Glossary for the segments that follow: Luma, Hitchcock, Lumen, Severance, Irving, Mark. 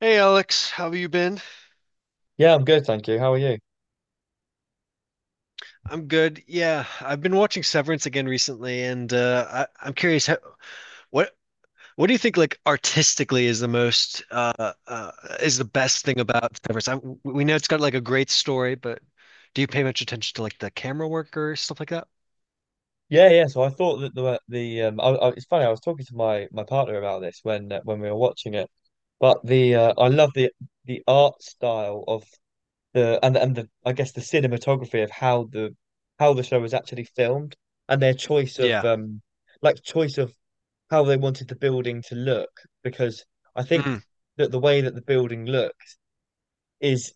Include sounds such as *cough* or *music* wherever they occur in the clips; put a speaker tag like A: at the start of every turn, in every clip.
A: Hey Alex, how have you been?
B: Yeah, I'm good, thank you. How are you?
A: I'm good. Yeah, I've been watching Severance again recently, and I'm curious how, what what do you think, like, artistically, is the most is the best thing about Severance? We know it's got, like, a great story, but do you pay much attention to, like, the camera work or stuff like that?
B: Yeah, yeah. So I thought that the it's funny. I was talking to my partner about this when we were watching it. But the I love the art style of the and the I guess the cinematography of how the show was actually filmed and their choice of
A: Yeah.
B: like choice of how they wanted the building to look because I think
A: Mhm.
B: that the way that the building looks is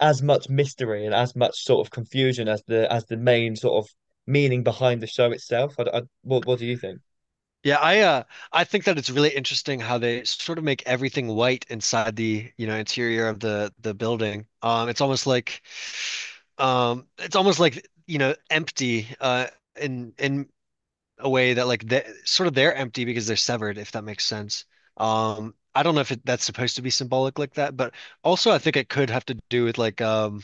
B: as much mystery and as much sort of confusion as the main sort of meaning behind the show itself. What do you think?
A: Yeah, I think that it's really interesting how they sort of make everything white inside the, you know, interior of the building. It's almost like it's almost like, you know, empty, in a way that, like, they're empty because they're severed, if that makes sense. I don't know if that's supposed to be symbolic like that, but also I think it could have to do with, like,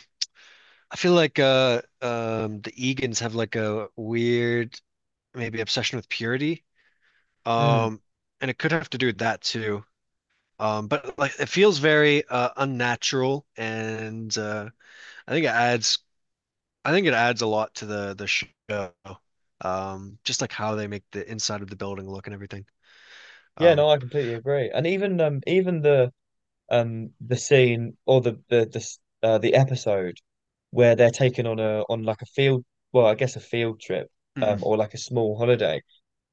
A: I feel like the Egan's have like a weird maybe obsession with purity,
B: Mm.
A: um and it could have to do with that too. But, like, it feels very unnatural, and I think it adds I think it adds a lot to the show. Just like how they make the inside of the building look and everything.
B: Yeah,
A: Um,
B: no, I completely agree. And even even the scene or the episode where they're taken on a on like a field, well, I guess a field trip,
A: mm,
B: um, or like a small holiday.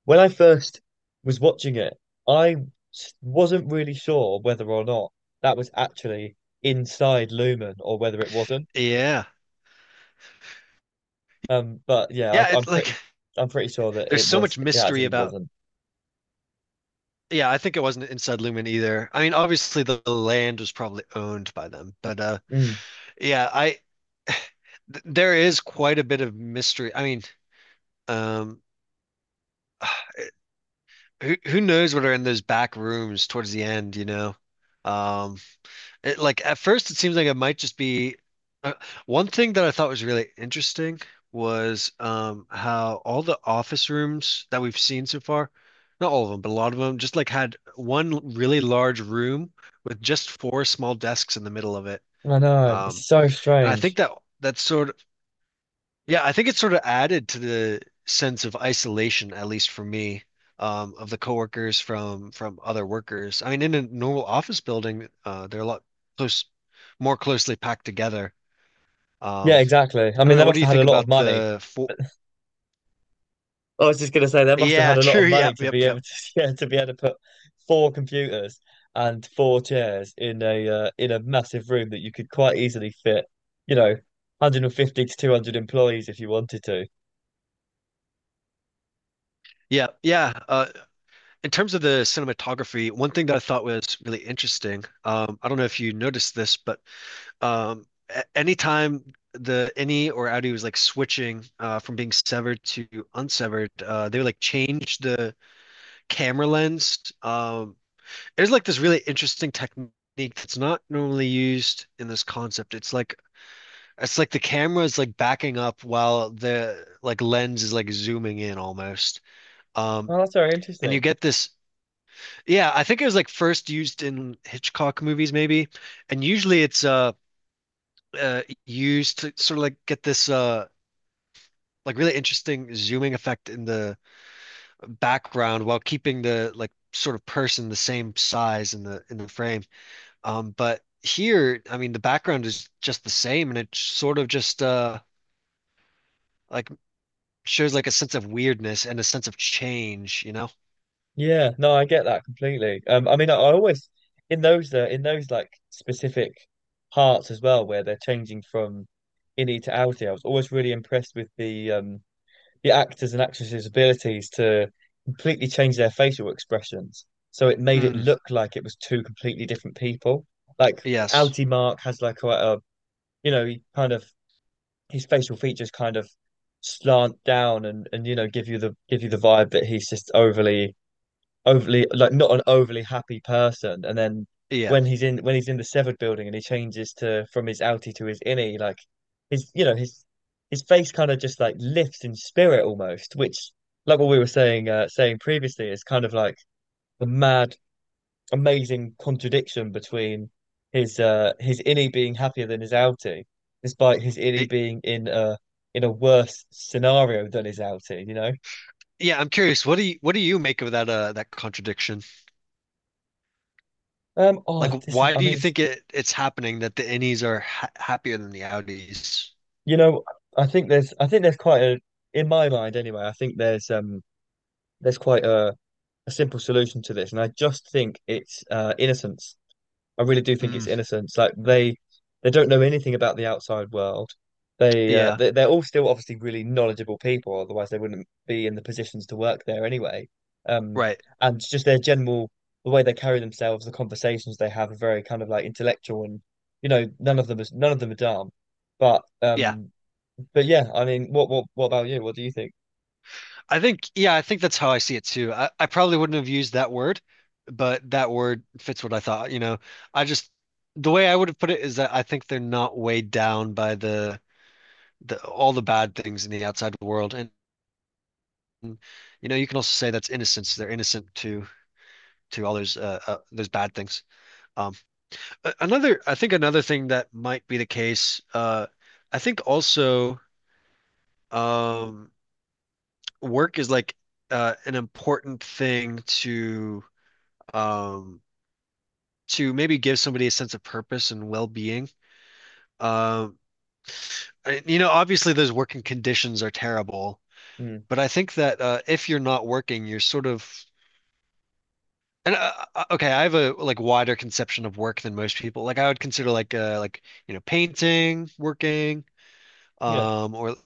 B: When I first was watching it, I wasn't really sure whether or not that was actually inside Lumen or whether it wasn't.
A: yeah,
B: But yeah,
A: yeah. It's like,
B: I'm pretty sure
A: *laughs*
B: that
A: there's
B: it
A: so
B: was,
A: much
B: it
A: mystery
B: actually
A: about.
B: wasn't.
A: Yeah, I think it wasn't inside Lumen either. I mean, obviously the land was probably owned by them, but
B: Mm.
A: yeah, I th there is quite a bit of mystery. I mean, um, *sighs* who knows what are in those back rooms towards the end, you know? Um, It, like, at first, it seems like it might just be uh, one thing that I thought was really interesting was, how all the office rooms that we've seen so far, not all of them, but a lot of them, just, like, had one really large room with just four small desks in the middle of it.
B: I know,
A: Um,
B: it's so
A: and I think
B: strange.
A: that that's sort yeah, I think it sort of added to the sense of isolation, at least for me, of the coworkers from other workers. I mean, in a normal office building, they're a lot close, more closely packed together.
B: Yeah,
A: Um,
B: exactly. I
A: I don't
B: mean, they
A: know. What
B: must
A: do you
B: have had a
A: think
B: lot of
A: about
B: money.
A: the four?
B: I was just gonna say they must have
A: Yeah,
B: had
A: *laughs*
B: a lot
A: true.
B: of money
A: Yep,
B: to be
A: yep, yep,
B: able to, *laughs* yeah, to be able to put four computers and four chairs in a massive room that you could quite easily fit, you know, 150 to 200 employees if you wanted to.
A: yeah, yeah. In terms of the cinematography, one thing that I thought was really interesting. I don't know if you noticed this, but um anytime the innie or outie was like switching from being severed to unsevered, they would like change the camera lens. There's like this really interesting technique that's not normally used in this concept. It's like, the camera is like backing up while the, like, lens is like zooming in almost. um
B: Oh, that's very
A: and you
B: interesting.
A: get this, yeah, I think it was like first used in Hitchcock movies maybe, and usually it's used to sort of like get this, like really interesting zooming effect in the background, while keeping the, like, sort of person the same size in the frame. But here, I mean, the background is just the same, and it sort of just like shows like a sense of weirdness and a sense of change, you know?
B: Yeah, no, I get that completely. I mean, I always in those like specific parts as well, where they're changing from innie to outie. I was always really impressed with the actors and actresses' abilities to completely change their facial expressions, so it made it
A: Mm,
B: look like it was two completely different people. Like
A: yes.
B: outie Mark has like quite a, you know, he kind of, his facial features kind of slant down, and you know, give you the, give you the vibe that he's just overly, overly, like, not an overly happy person. And then
A: Yeah.
B: when he's in, when he's in the severed building and he changes to, from his outie to his innie, like his, you know, his face kind of just like lifts in spirit, almost, which like what we were saying, saying previously, is kind of like the mad, amazing contradiction between his innie being happier than his outie, despite his innie
A: It,
B: being in a, in a worse scenario than his outie, you know.
A: yeah, I'm curious. What do you make of that that contradiction?
B: Oh,
A: Like,
B: this,
A: why
B: I
A: do you
B: mean, it's,
A: think it's happening that the innies are ha happier than the outies?
B: you know, I think there's, I think there's quite a, in my mind anyway, I think there's, um, there's quite a simple solution to this. And I just think it's innocence. I really do think
A: Mm,
B: it's innocence. Like they don't know anything about the outside world. They
A: yeah.
B: they're all still obviously really knowledgeable people, otherwise they wouldn't be in the positions to work there anyway. Um
A: Right.
B: and just their general, the way they carry themselves, the conversations they have are very kind of like intellectual, and you know, none of them is, none of them are dumb. But
A: Yeah.
B: um but yeah, I mean, what what about you? What do you think?
A: I think, yeah, I think that's how I see it too. I probably wouldn't have used that word, but that word fits what I thought. You know, I just, the way I would have put it is that I think they're not weighed down by the all the bad things in the outside world, and, you know, you can also say that's innocence. They're innocent to all those bad things. Um, Another, I think, another thing that might be the case. I think also, um work is like an important thing to, um to maybe give somebody a sense of purpose and well-being. Um, you know, obviously those working conditions are terrible,
B: Mm,
A: but I think that, if you're not working, you're sort of and okay, I have a, like, wider conception of work than most people. Like, I would consider, like, like, you know, painting, working,
B: yeah,
A: or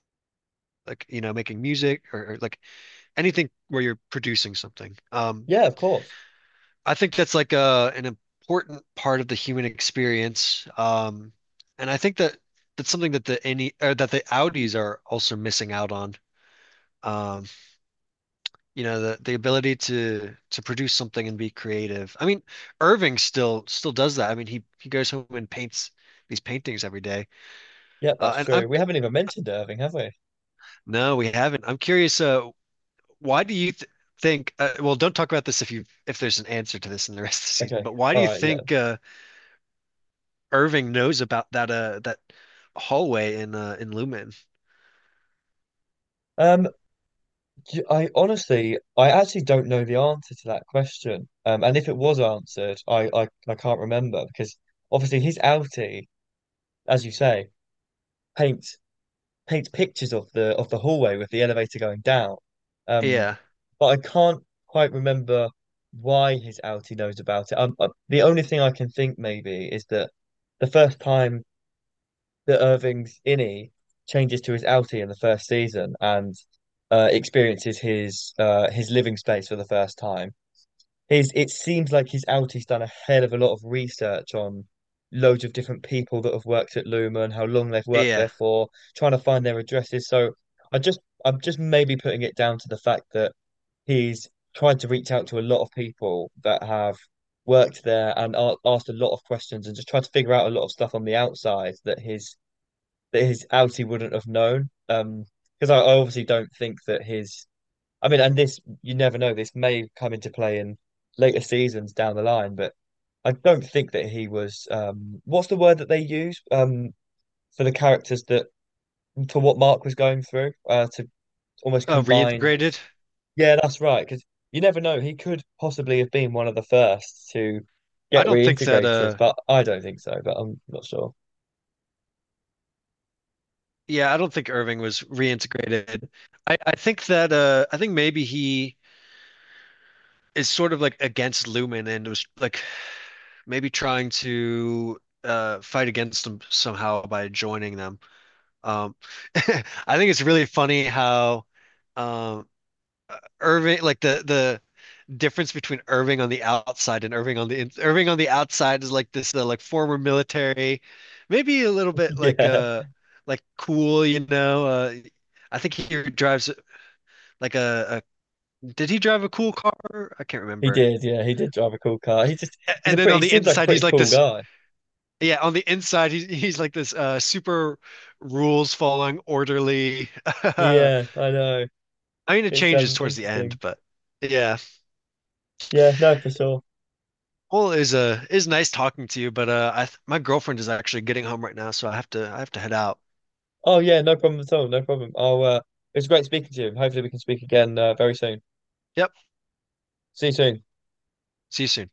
A: like, you know, making music, or like anything where you're producing something.
B: yeah, of course.
A: I think that's like a an important part of the human experience. And I think that that's something that the any, or that the Audis are also missing out on. Um, you know, the ability to produce something and be creative. I mean, Irving still still does that. I mean, he goes home and paints these paintings every day.
B: Yeah, that's
A: And I'm
B: true. We haven't even mentioned Irving, have we?
A: No, we haven't. I'm curious, why do you th think, well, don't talk about this if you if there's an answer to this in the rest of the season,
B: Okay,
A: but why do
B: all
A: you
B: right, yeah.
A: think Irving knows about that that hallway in Lumen.
B: Um, I honestly, I actually don't know the answer to that question. And if it was answered, I can't remember because obviously his outie, as you say, paints, paint pictures of the hallway with the elevator going down. Um,
A: Yeah.
B: but I can't quite remember why his outie knows about it. The only thing I can think maybe is that the first time that Irving's innie changes to his outie in the first season and experiences his living space for the first time, he's, it seems like he's out. He's done a hell of a lot of research on loads of different people that have worked at Luma and how long they've worked
A: Yeah.
B: there for, trying to find their addresses. So I just, I'm just maybe putting it down to the fact that he's tried to reach out to a lot of people that have worked there and asked a lot of questions and just tried to figure out a lot of stuff on the outside that his outie wouldn't have known. Because I obviously don't think that his, I mean, and this, you never know, this may come into play in later seasons down the line, but I don't think that he was, what's the word that they use, for the characters that, for what Mark was going through, to almost
A: Uh,
B: combine his,
A: reintegrated.
B: yeah, that's right, because you never know, he could possibly have been one of the first to
A: I
B: get
A: don't think that
B: reintegrated, but I don't think so, but I'm not sure.
A: Yeah, I don't think Irving was reintegrated. I think that, I think maybe he is sort of like against Lumen, and was like maybe trying to fight against them somehow by joining them. Um, *laughs* I think it's really funny how, um Irving, like, the difference between Irving on the outside and Irving on the in Irving on the outside is like this, like, former military, maybe a little bit like,
B: *laughs*
A: like, cool, you know. I think he drives like a, did he drive a cool car? I can't remember.
B: Yeah, he did drive a cool car. He just, he's a
A: And then
B: pretty,
A: on
B: he
A: the
B: seems like a
A: inside,
B: pretty
A: he's like
B: cool
A: this.
B: guy.
A: Yeah, on the inside, he's like this, super rules following, orderly. *laughs*
B: Yeah, I know.
A: I mean, it
B: It's
A: changes towards the end,
B: interesting.
A: but yeah.
B: Yeah, no, for sure.
A: Well, it was nice talking to you, but I th my girlfriend is actually getting home right now, so I have to head out.
B: Oh, yeah, no problem at all. No problem. I'll, it was great speaking to you. Hopefully, we can speak again, very soon.
A: Yep.
B: See you soon.
A: See you soon.